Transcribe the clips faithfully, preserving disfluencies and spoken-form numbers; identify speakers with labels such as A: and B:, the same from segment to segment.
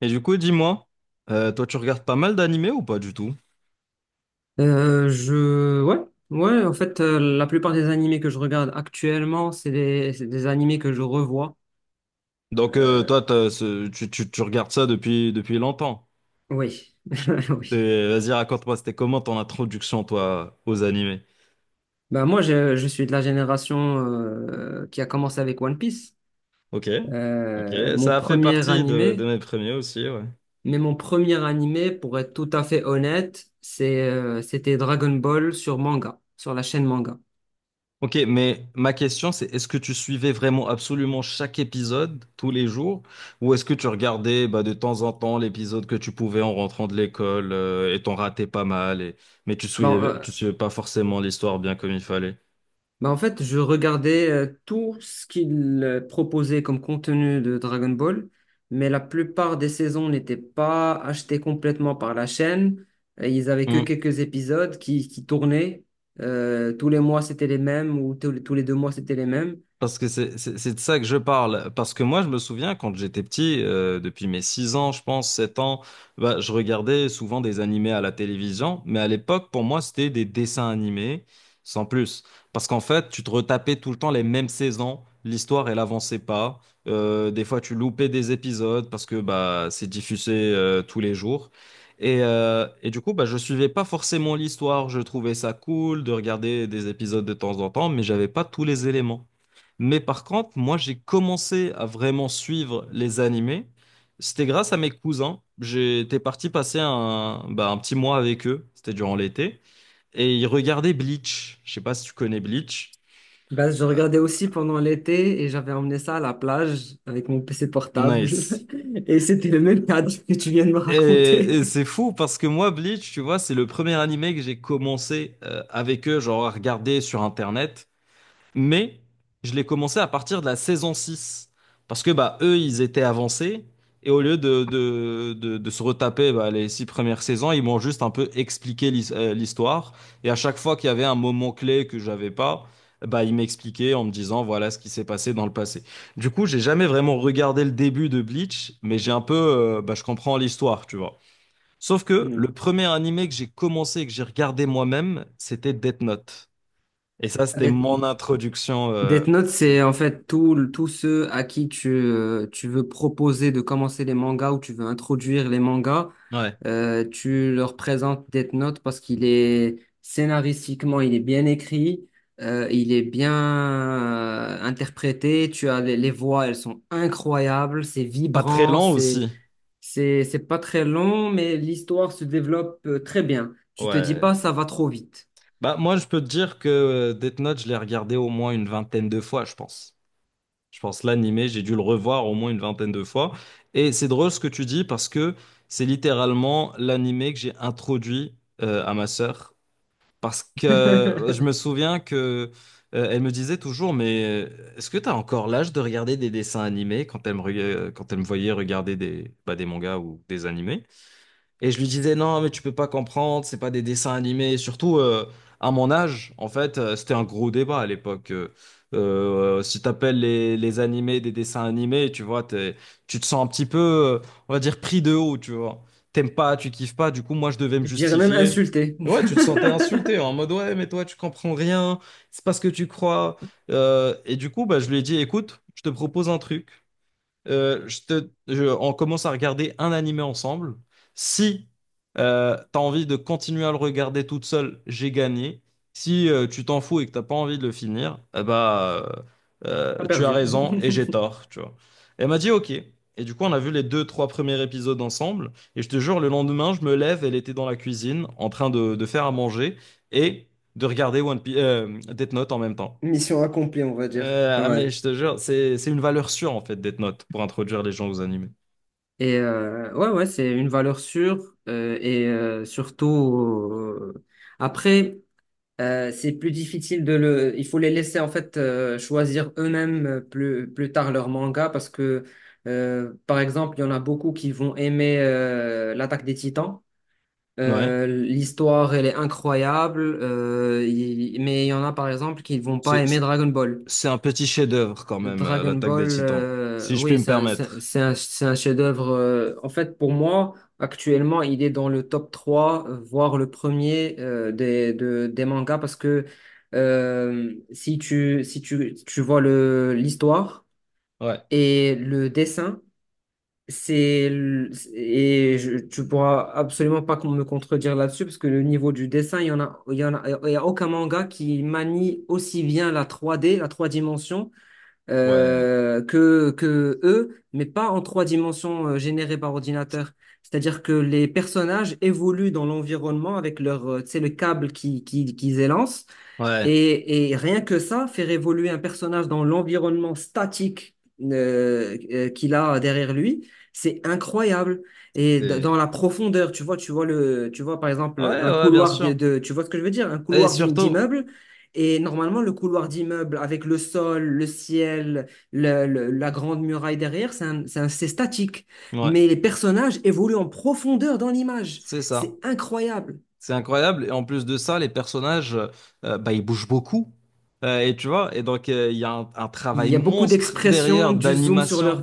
A: Et du coup, dis-moi, euh, toi, tu regardes pas mal d'animés ou pas du tout?
B: Euh, je ouais ouais en fait, euh, la plupart des animés que je regarde actuellement c'est des c'est des animés que je revois.
A: Donc, euh,
B: Euh,
A: toi, t'as ce- tu, tu, tu regardes ça depuis, depuis longtemps.
B: oui. Oui.
A: C'est- Vas-y, raconte-moi, c'était comment ton introduction, toi, aux animés?
B: Bah moi je, je suis de la génération, euh, qui a commencé avec One Piece.
A: Ok, ok,
B: Euh, mon
A: ça a fait
B: premier
A: partie de, de
B: animé.
A: mes premiers aussi, ouais.
B: Mais mon premier animé, pour être tout à fait honnête, c'est euh, c'était Dragon Ball sur manga, sur la chaîne manga.
A: Ok, mais ma question, c'est est-ce que tu suivais vraiment absolument chaque épisode tous les jours? Ou est-ce que tu regardais bah, de temps en temps l'épisode que tu pouvais en rentrant de l'école euh, et t'en ratais pas mal, et... Mais tu
B: bon
A: suivais,
B: euh,
A: tu suivais pas forcément l'histoire bien comme il fallait?
B: Bah en fait, je regardais, euh, tout ce qu'il, euh, proposait comme contenu de Dragon Ball, mais la plupart des saisons n'étaient pas achetées complètement par la chaîne. Et ils avaient que
A: Hmm.
B: quelques épisodes qui, qui tournaient. Euh, tous les mois, c'était les mêmes, ou tous les, tous les deux mois, c'était les mêmes.
A: Parce que c'est c'est- c'est de ça que je parle. Parce que moi, je me souviens quand j'étais petit, euh, depuis mes six ans, je pense, sept ans, bah, je regardais souvent des animés à la télévision. Mais à l'époque, pour moi, c'était des dessins animés, sans plus. Parce qu'en fait, tu te retapais tout le temps les mêmes saisons. L'histoire, elle avançait pas. Euh, des fois, tu loupais des épisodes parce que bah, c'est diffusé euh, tous les jours. Et, euh, et du coup, bah, je suivais pas forcément l'histoire. Je trouvais ça cool de regarder des épisodes de temps en temps, mais j'avais pas tous les éléments. Mais par contre, moi, j'ai commencé à vraiment suivre les animés. C'était grâce à mes cousins. J'étais parti passer un, bah, un petit mois avec eux. C'était durant l'été. Et ils regardaient Bleach. Je sais pas si tu connais Bleach.
B: Bah, je
A: Euh,
B: regardais aussi pendant l'été et j'avais emmené ça à la plage avec mon P C portable.
A: Nice.
B: Et c'était le même cadre que tu viens de me
A: Et,
B: raconter.
A: et c'est fou parce que moi, Bleach, tu vois, c'est le premier animé que j'ai commencé euh, avec eux, genre à regarder sur Internet. Mais je l'ai commencé à partir de la saison six. Parce que bah, eux, ils étaient avancés. Et au lieu de, de, de, de se retaper bah, les six premières saisons, ils m'ont juste un peu expliqué l'his- euh, l'histoire. Et à chaque fois qu'il y avait un moment clé que j'avais pas, bah, ils m'expliquaient en me disant voilà ce qui s'est passé dans le passé. Du coup, j'ai jamais vraiment regardé le début de Bleach, mais j'ai un peu, euh, bah, je comprends l'histoire, tu vois. Sauf que
B: Mm.
A: le premier animé que j'ai commencé et que j'ai regardé moi-même, c'était Death Note. Et ça, c'était
B: Des,
A: mon introduction. euh,
B: Death Note, c'est en fait tout, tous ceux à qui tu, euh, tu veux proposer de commencer les mangas, ou tu veux introduire les mangas,
A: Ouais.
B: euh, tu leur présentes Death Note parce qu'il est scénaristiquement, il est bien écrit, euh, il est bien euh, interprété, tu as les, les voix, elles sont incroyables, c'est
A: Pas très
B: vibrant,
A: lent
B: c'est,
A: aussi.
B: c'est, c'est pas très long, mais l'histoire se développe, euh, très bien. Tu te dis
A: Ouais.
B: pas, ça va trop vite.
A: Bah, moi, je peux te dire que euh, Death Note, je l'ai regardé au moins une vingtaine de fois, je pense. Je pense l'animé, j'ai dû le revoir au moins une vingtaine de fois. Et c'est drôle ce que tu dis parce que c'est littéralement l'animé que j'ai introduit euh, à ma sœur. Parce que euh, je me souviens que euh, elle me disait toujours, mais euh, est-ce que tu as encore l'âge de regarder des dessins animés quand elle me, reg- euh, quand elle me voyait regarder des, bah, des mangas ou des animés? Et je lui disais, non, mais tu peux pas comprendre, c'est pas des dessins animés. Et surtout, euh, à mon âge, en fait, euh, c'était un gros débat à l'époque. Euh, euh, si t'appelles les, les animés des dessins animés, tu vois, t'es- tu te sens un petit peu, euh, on va dire, pris de haut, tu vois. T'aimes pas, tu kiffes pas, du coup, moi, je devais me
B: Je dirais même
A: justifier.
B: insulté.
A: Et ouais, tu te sentais insulté, en mode, ouais, mais toi, tu comprends rien, c'est pas ce que tu crois. Euh, et du coup, bah, je lui ai dit, écoute, je te propose un truc, euh, je te, je- on commence à regarder un animé ensemble. Si euh, tu as envie de continuer à le regarder toute seule, j'ai gagné. Si euh, tu t'en fous et que t'as pas envie de le finir, eh bah, euh,
B: Pas
A: euh, tu as
B: perdu.
A: raison et j'ai tort, tu vois. Elle m'a dit OK. Et du coup, on a vu les deux, trois premiers épisodes ensemble. Et je te jure, le lendemain, je me lève, elle était dans la cuisine en train de, de faire à manger et de regarder One Piece, Death Note en même temps.
B: Mission accomplie, on va dire.
A: Euh, ah mais
B: Ouais.
A: je te jure, c'est c'est une valeur sûre en fait Death Note pour introduire les gens aux animés.
B: Et euh, ouais, ouais, c'est une valeur sûre, euh, et euh, surtout euh, après, euh, c'est plus difficile de le. Il faut les laisser en fait, euh, choisir eux-mêmes, euh, plus plus tard leur manga, parce que, euh, par exemple, il y en a beaucoup qui vont aimer, euh, l'Attaque des Titans.
A: Ouais.
B: Euh, l'histoire, elle est incroyable, euh, il- mais il y en a par exemple qui vont pas
A: C'est
B: aimer
A: c'est-
B: Dragon Ball.
A: c'est un petit chef-d'œuvre quand même, euh,
B: Dragon
A: l'Attaque des
B: Ball,
A: Titans,
B: euh,
A: si je puis
B: oui,
A: me
B: c'est un, c'est
A: permettre.
B: c'est un, c'est un chef-d'œuvre. Euh, en fait, pour moi, actuellement, il est dans le top trois, euh, voire le premier, euh, des, de- des mangas, parce que, euh, si tu, si tu, tu vois le, l'histoire
A: Ouais,
B: et le dessin, c'est, le- et je, tu pourras absolument pas me contredire là-dessus, parce que le niveau du dessin, il y en a, il y en a, il y a aucun manga qui manie aussi bien la trois d la trois dimensions,
A: ouais,
B: euh, que, que eux, mais pas en trois dimensions, euh, générées par ordinateur. C'est-à-dire que les personnages évoluent dans l'environnement avec leur, euh, tu sais, le câble qui, qui, qu'ils élancent.
A: ouais,
B: Et, et rien que ça, faire évoluer un personnage dans l'environnement statique, euh, euh, qu'il a derrière lui, c'est incroyable. Et d-
A: c'est-
B: dans la profondeur, tu vois, tu vois le, tu vois par exemple
A: ouais,
B: un
A: ouais, bien
B: couloir de,
A: sûr.
B: de- tu vois ce que je veux dire, un
A: Et
B: couloir
A: surtout,
B: d'immeuble. Et normalement, le couloir d'immeuble avec le sol, le ciel, le- le- la grande muraille derrière, c'est un- c'est un- c'est statique.
A: ouais,
B: Mais les personnages évoluent en profondeur dans l'image.
A: c'est ça.
B: C'est incroyable.
A: C'est incroyable. Et en plus de ça, les personnages, euh, bah, ils bougent beaucoup. Euh, et tu vois, et donc, euh, il y a un, un
B: Il
A: travail
B: y a beaucoup
A: monstre
B: d'expressions,
A: derrière
B: du zoom sur
A: d'animation.
B: leur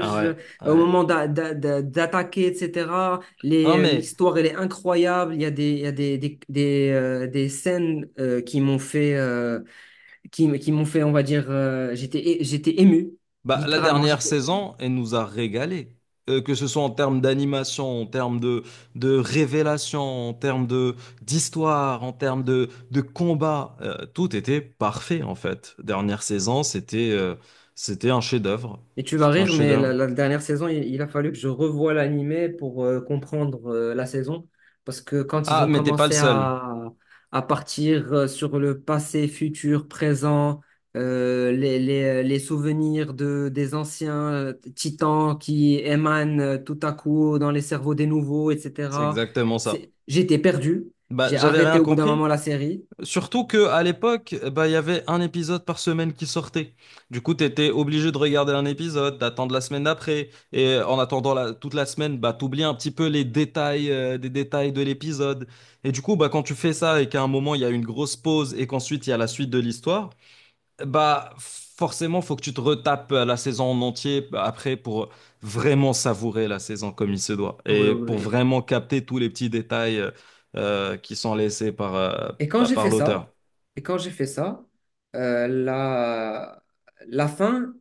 A: Ah ouais,
B: euh, au
A: ouais.
B: moment d'a- d'a- d'a- d'attaquer, et cetera.
A: Non,
B: Les- euh,
A: mais
B: L'histoire, elle est incroyable. Il y a des, il y a des, des, des, euh, des scènes, euh, qui m'ont fait, euh, qui, m- qui m'ont fait, on va dire, euh, j'étais, é- j'étais ému.
A: bah, la
B: Littéralement,
A: dernière
B: j'étais.
A: saison, elle nous a régalé. Euh, que ce soit en termes d'animation, en termes de, de révélation, en termes de, d'histoire, en termes de, de combat. Euh, tout était parfait, en fait. Dernière saison, c'était euh, c'était un chef-d'œuvre.
B: Et tu vas
A: C'était un
B: rire, mais
A: chef-d'œuvre.
B: la, la dernière saison, il, il a fallu que je revoie l'animé pour, euh, comprendre, euh, la saison. Parce que quand ils
A: Ah,
B: ont
A: mais t'es pas le
B: commencé
A: seul.
B: à, à partir, euh, sur le passé, futur, présent, euh, les, les- les souvenirs de, des anciens, euh, titans qui émanent, euh, tout à coup dans les cerveaux des nouveaux,
A: C'est
B: et cetera.
A: exactement ça.
B: C'est- J'étais perdu.
A: Bah,
B: J'ai
A: j'avais rien
B: arrêté au bout d'un
A: compris.
B: moment la série.
A: Surtout que à l'époque, bah, il y avait un épisode par semaine qui sortait. Du coup, t'étais obligé de regarder un épisode, d'attendre la semaine d'après. Et euh, en attendant la- toute la semaine, bah, t'oublies un petit peu les détails, euh, des détails de l'épisode. Et du coup, bah, quand tu fais ça et qu'à un moment, il y a une grosse pause et qu'ensuite, il y a la suite de l'histoire, bah, forcément, faut que tu te retapes la saison en entier après pour vraiment savourer la saison comme il se doit
B: Oui,
A: et pour
B: oui.
A: vraiment capter tous les petits détails euh, euh, qui sont laissés par, euh,
B: Et quand
A: bah,
B: j'ai
A: par
B: fait ça,
A: l'auteur.
B: et quand j'ai fait ça, euh, la, la fin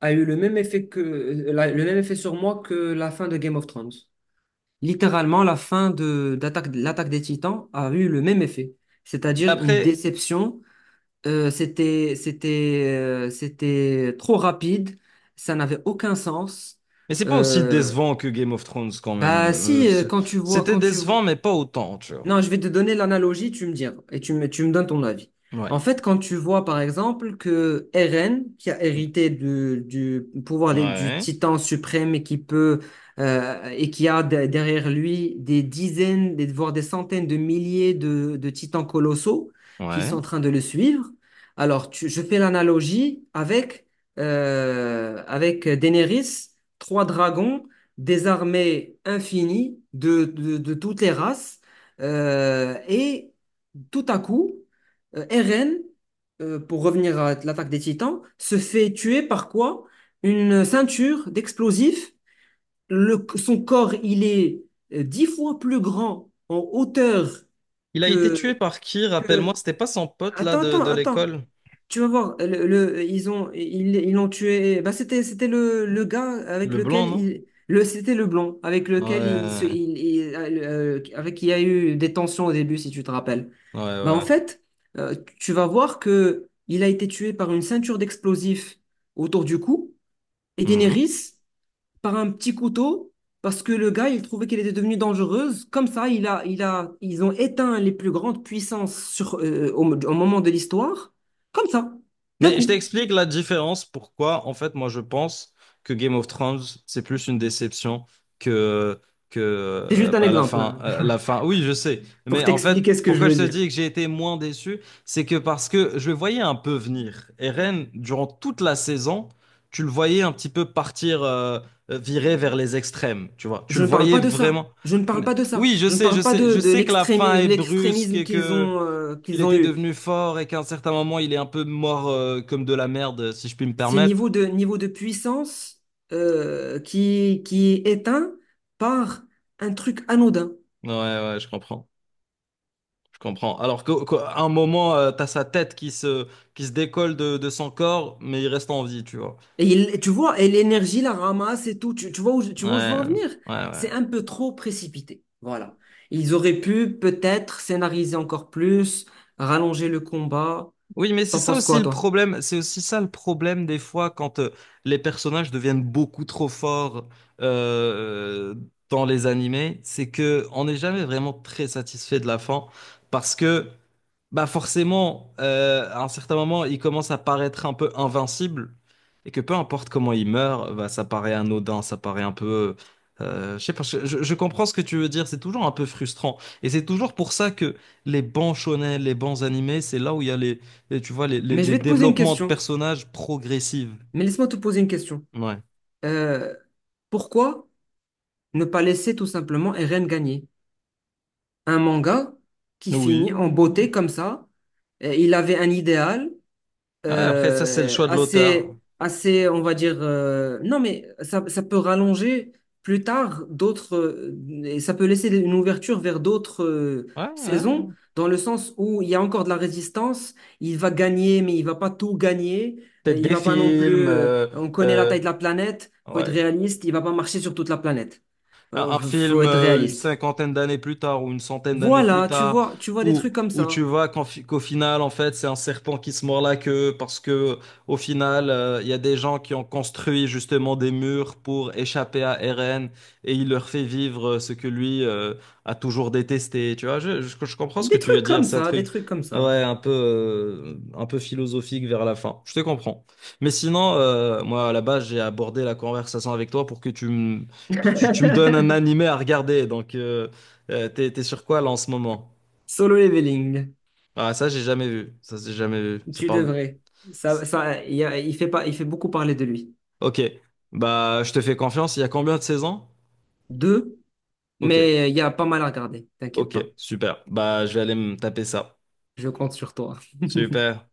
B: a eu le même effet que la- le même effet sur moi que la fin de Game of Thrones. Littéralement, la fin de d'attaque l'attaque des Titans a eu le même effet, c'est-à-dire une
A: Après,
B: déception. Euh, c'était c'était euh, c'était trop rapide, ça n'avait aucun sens.
A: mais c'est pas aussi
B: Euh,
A: décevant que Game of Thrones quand même.
B: bah
A: Euh,
B: si, euh,
A: c'est-
B: quand tu vois
A: c'était
B: quand tu vois.
A: décevant, mais pas autant, tu vois.
B: Non, je vais te donner l'analogie, tu me diras, et tu me, tu me donnes ton avis.
A: Ouais.
B: En fait, quand tu vois, par exemple, que Eren, qui a
A: Hmm.
B: hérité de- du pouvoir des- du
A: Ouais.
B: titan suprême et qui peut, euh, et qui a de- derrière lui des dizaines, des- voire des centaines de milliers de, de titans colossaux qui sont
A: Ouais.
B: en train de le suivre, alors tu- je fais l'analogie avec, euh, avec Daenerys, trois dragons, des armées infinies de, de de toutes les races, euh, et tout à coup, euh, Eren, euh, pour revenir à l'attaque des Titans, se fait tuer par quoi? Une ceinture d'explosifs. Le- son corps, il est, euh, dix fois plus grand en hauteur
A: Il a été tué
B: que,
A: par qui, rappelle-moi?
B: que…
A: C'était pas son pote là
B: Attends,
A: de,
B: attends,
A: de
B: attends.
A: l'école?
B: Tu vas voir, le, le- ils ont, ils, ils l'ont tué. Bah, c'était, c'était le, le gars avec
A: Le blanc,
B: lequel
A: non?
B: il… Le, c'était le blond avec lequel il se,
A: Ouais,
B: il, il- euh, avec qui il y a eu des tensions au début, si tu te rappelles.
A: ouais,
B: Bah, en
A: ouais.
B: fait, euh, tu vas voir que il a été tué par une ceinture d'explosifs autour du cou, et
A: Mhm.
B: Daenerys par un petit couteau parce que le gars, il trouvait qu'elle était devenue dangereuse. Comme ça, il a, il a, ils ont éteint les plus grandes puissances sur, euh, au, au moment de l'histoire. Comme ça, d'un
A: Mais je
B: coup.
A: t'explique la différence, pourquoi en fait moi je pense que Game of Thrones c'est plus une déception que, que
B: C'est
A: euh,
B: juste un
A: bah, la
B: exemple,
A: fin,
B: hein,
A: euh, la fin. Oui, je sais,
B: pour
A: mais en fait
B: t'expliquer ce que je
A: pourquoi
B: veux
A: je te
B: dire.
A: dis que j'ai été moins déçu, c'est que parce que je le voyais un peu venir. Eren, durant toute la saison, tu le voyais un petit peu partir, euh, euh, virer vers les extrêmes, tu vois. Tu
B: Je
A: le
B: ne parle
A: voyais
B: pas de ça.
A: vraiment.
B: Je ne parle
A: Mais-
B: pas de ça.
A: Oui, je
B: Je ne
A: sais, je
B: parle pas
A: sais,
B: de,
A: je
B: de
A: sais que la fin
B: l'extrémi-
A: est brusque
B: l'extrémisme
A: et
B: qu'ils
A: que
B: ont, euh,
A: il
B: qu'ils ont
A: était
B: eu.
A: devenu fort et qu'à un certain moment, il est un peu mort euh, comme de la merde, si je puis me
B: C'est niveau
A: permettre.
B: de, niveau de puissance, euh, qui, qui est éteint par un truc anodin.
A: Ouais, ouais, je comprends. Je comprends. Alors qu'au- qu'à un moment, euh, t'as sa tête qui se, qui se décolle de, de son corps, mais il reste en vie, tu vois.
B: Et il- tu vois, et l'énergie la ramasse et tout. Tu, tu vois où, je- tu vois où je veux
A: Ouais,
B: en venir?
A: ouais, ouais.
B: C'est un peu trop précipité. Voilà. Ils auraient pu peut-être scénariser encore plus, rallonger le combat.
A: Oui, mais c'est
B: T'en
A: ça
B: penses
A: aussi
B: quoi,
A: le
B: toi?
A: problème. C'est aussi ça le problème des fois quand euh, les personnages deviennent beaucoup trop forts euh, dans les animés, c'est que on n'est jamais vraiment très satisfait de la fin parce que bah forcément, euh, à un certain moment, il commence à paraître un peu invincible et que peu importe comment il meurt, bah, ça paraît anodin, ça paraît un peu... euh, Je sais pas, je, je- je comprends ce que tu veux dire, c'est toujours un peu frustrant. Et c'est toujours pour ça que les bons shonen, les bons animés, c'est là où il y a les, les- tu vois, les, les-
B: Mais je
A: les
B: vais te poser une
A: développements de
B: question.
A: personnages progressifs.
B: Mais laisse-moi te poser une question.
A: Ouais.
B: Euh, pourquoi ne pas laisser tout simplement Eren gagner? Un manga qui
A: Oui,
B: finit en
A: oui.
B: beauté comme ça. Euh, Il avait un idéal,
A: Ouais, après, ça, c'est le
B: euh,
A: choix de l'auteur.
B: assez, assez, on va dire, euh, non, mais ça, ça peut rallonger plus tard d'autres, euh, et ça peut laisser une ouverture vers d'autres, euh,
A: Ouais,
B: saisons,
A: ouais.
B: dans le sens où il y a encore de la résistance, il va gagner, mais il va pas tout gagner, euh,
A: Peut-être
B: il
A: des
B: va pas non plus,
A: films.
B: euh,
A: euh,
B: on connaît la
A: euh,
B: taille de la planète, faut être
A: ouais.
B: réaliste, il va pas marcher sur toute la planète.
A: Un, un
B: Euh, faut
A: film
B: être
A: euh, une
B: réaliste.
A: cinquantaine d'années plus tard ou une centaine d'années plus
B: Voilà, tu
A: tard,
B: vois, tu vois des
A: où,
B: trucs comme
A: où tu
B: ça.
A: vois qu'en fi- qu'au final, en fait, c'est un serpent qui se mord la queue parce que au final, euh, il y a des gens qui ont construit justement des murs pour échapper à Eren et il leur fait vivre euh, ce que lui euh, a toujours détesté. Tu vois, je, je, je comprends ce que
B: Des
A: tu veux
B: trucs
A: dire.
B: comme
A: C'est un
B: ça, des
A: truc.
B: trucs comme ça.
A: Ouais, un peu, euh, un peu philosophique vers la fin. Je te comprends. Mais sinon, euh, moi, à la base, j'ai abordé la conversation avec toi pour que tu me tu, tu me donnes un animé à regarder, donc euh, euh, t'es, t'es sur quoi là en ce moment?
B: Solo leveling,
A: Ah ça j'ai jamais vu, ça j'ai jamais vu, ça
B: tu
A: parle...
B: devrais. Ça, ça, il y a- il fait pas, il fait beaucoup parler de lui.
A: Ok, bah je te fais confiance, il y a combien de saisons?
B: Deux,
A: Ok,
B: mais il y a pas mal à regarder, t'inquiète
A: ok,
B: pas.
A: super, bah je vais aller me taper ça.
B: Je compte sur toi.
A: Super.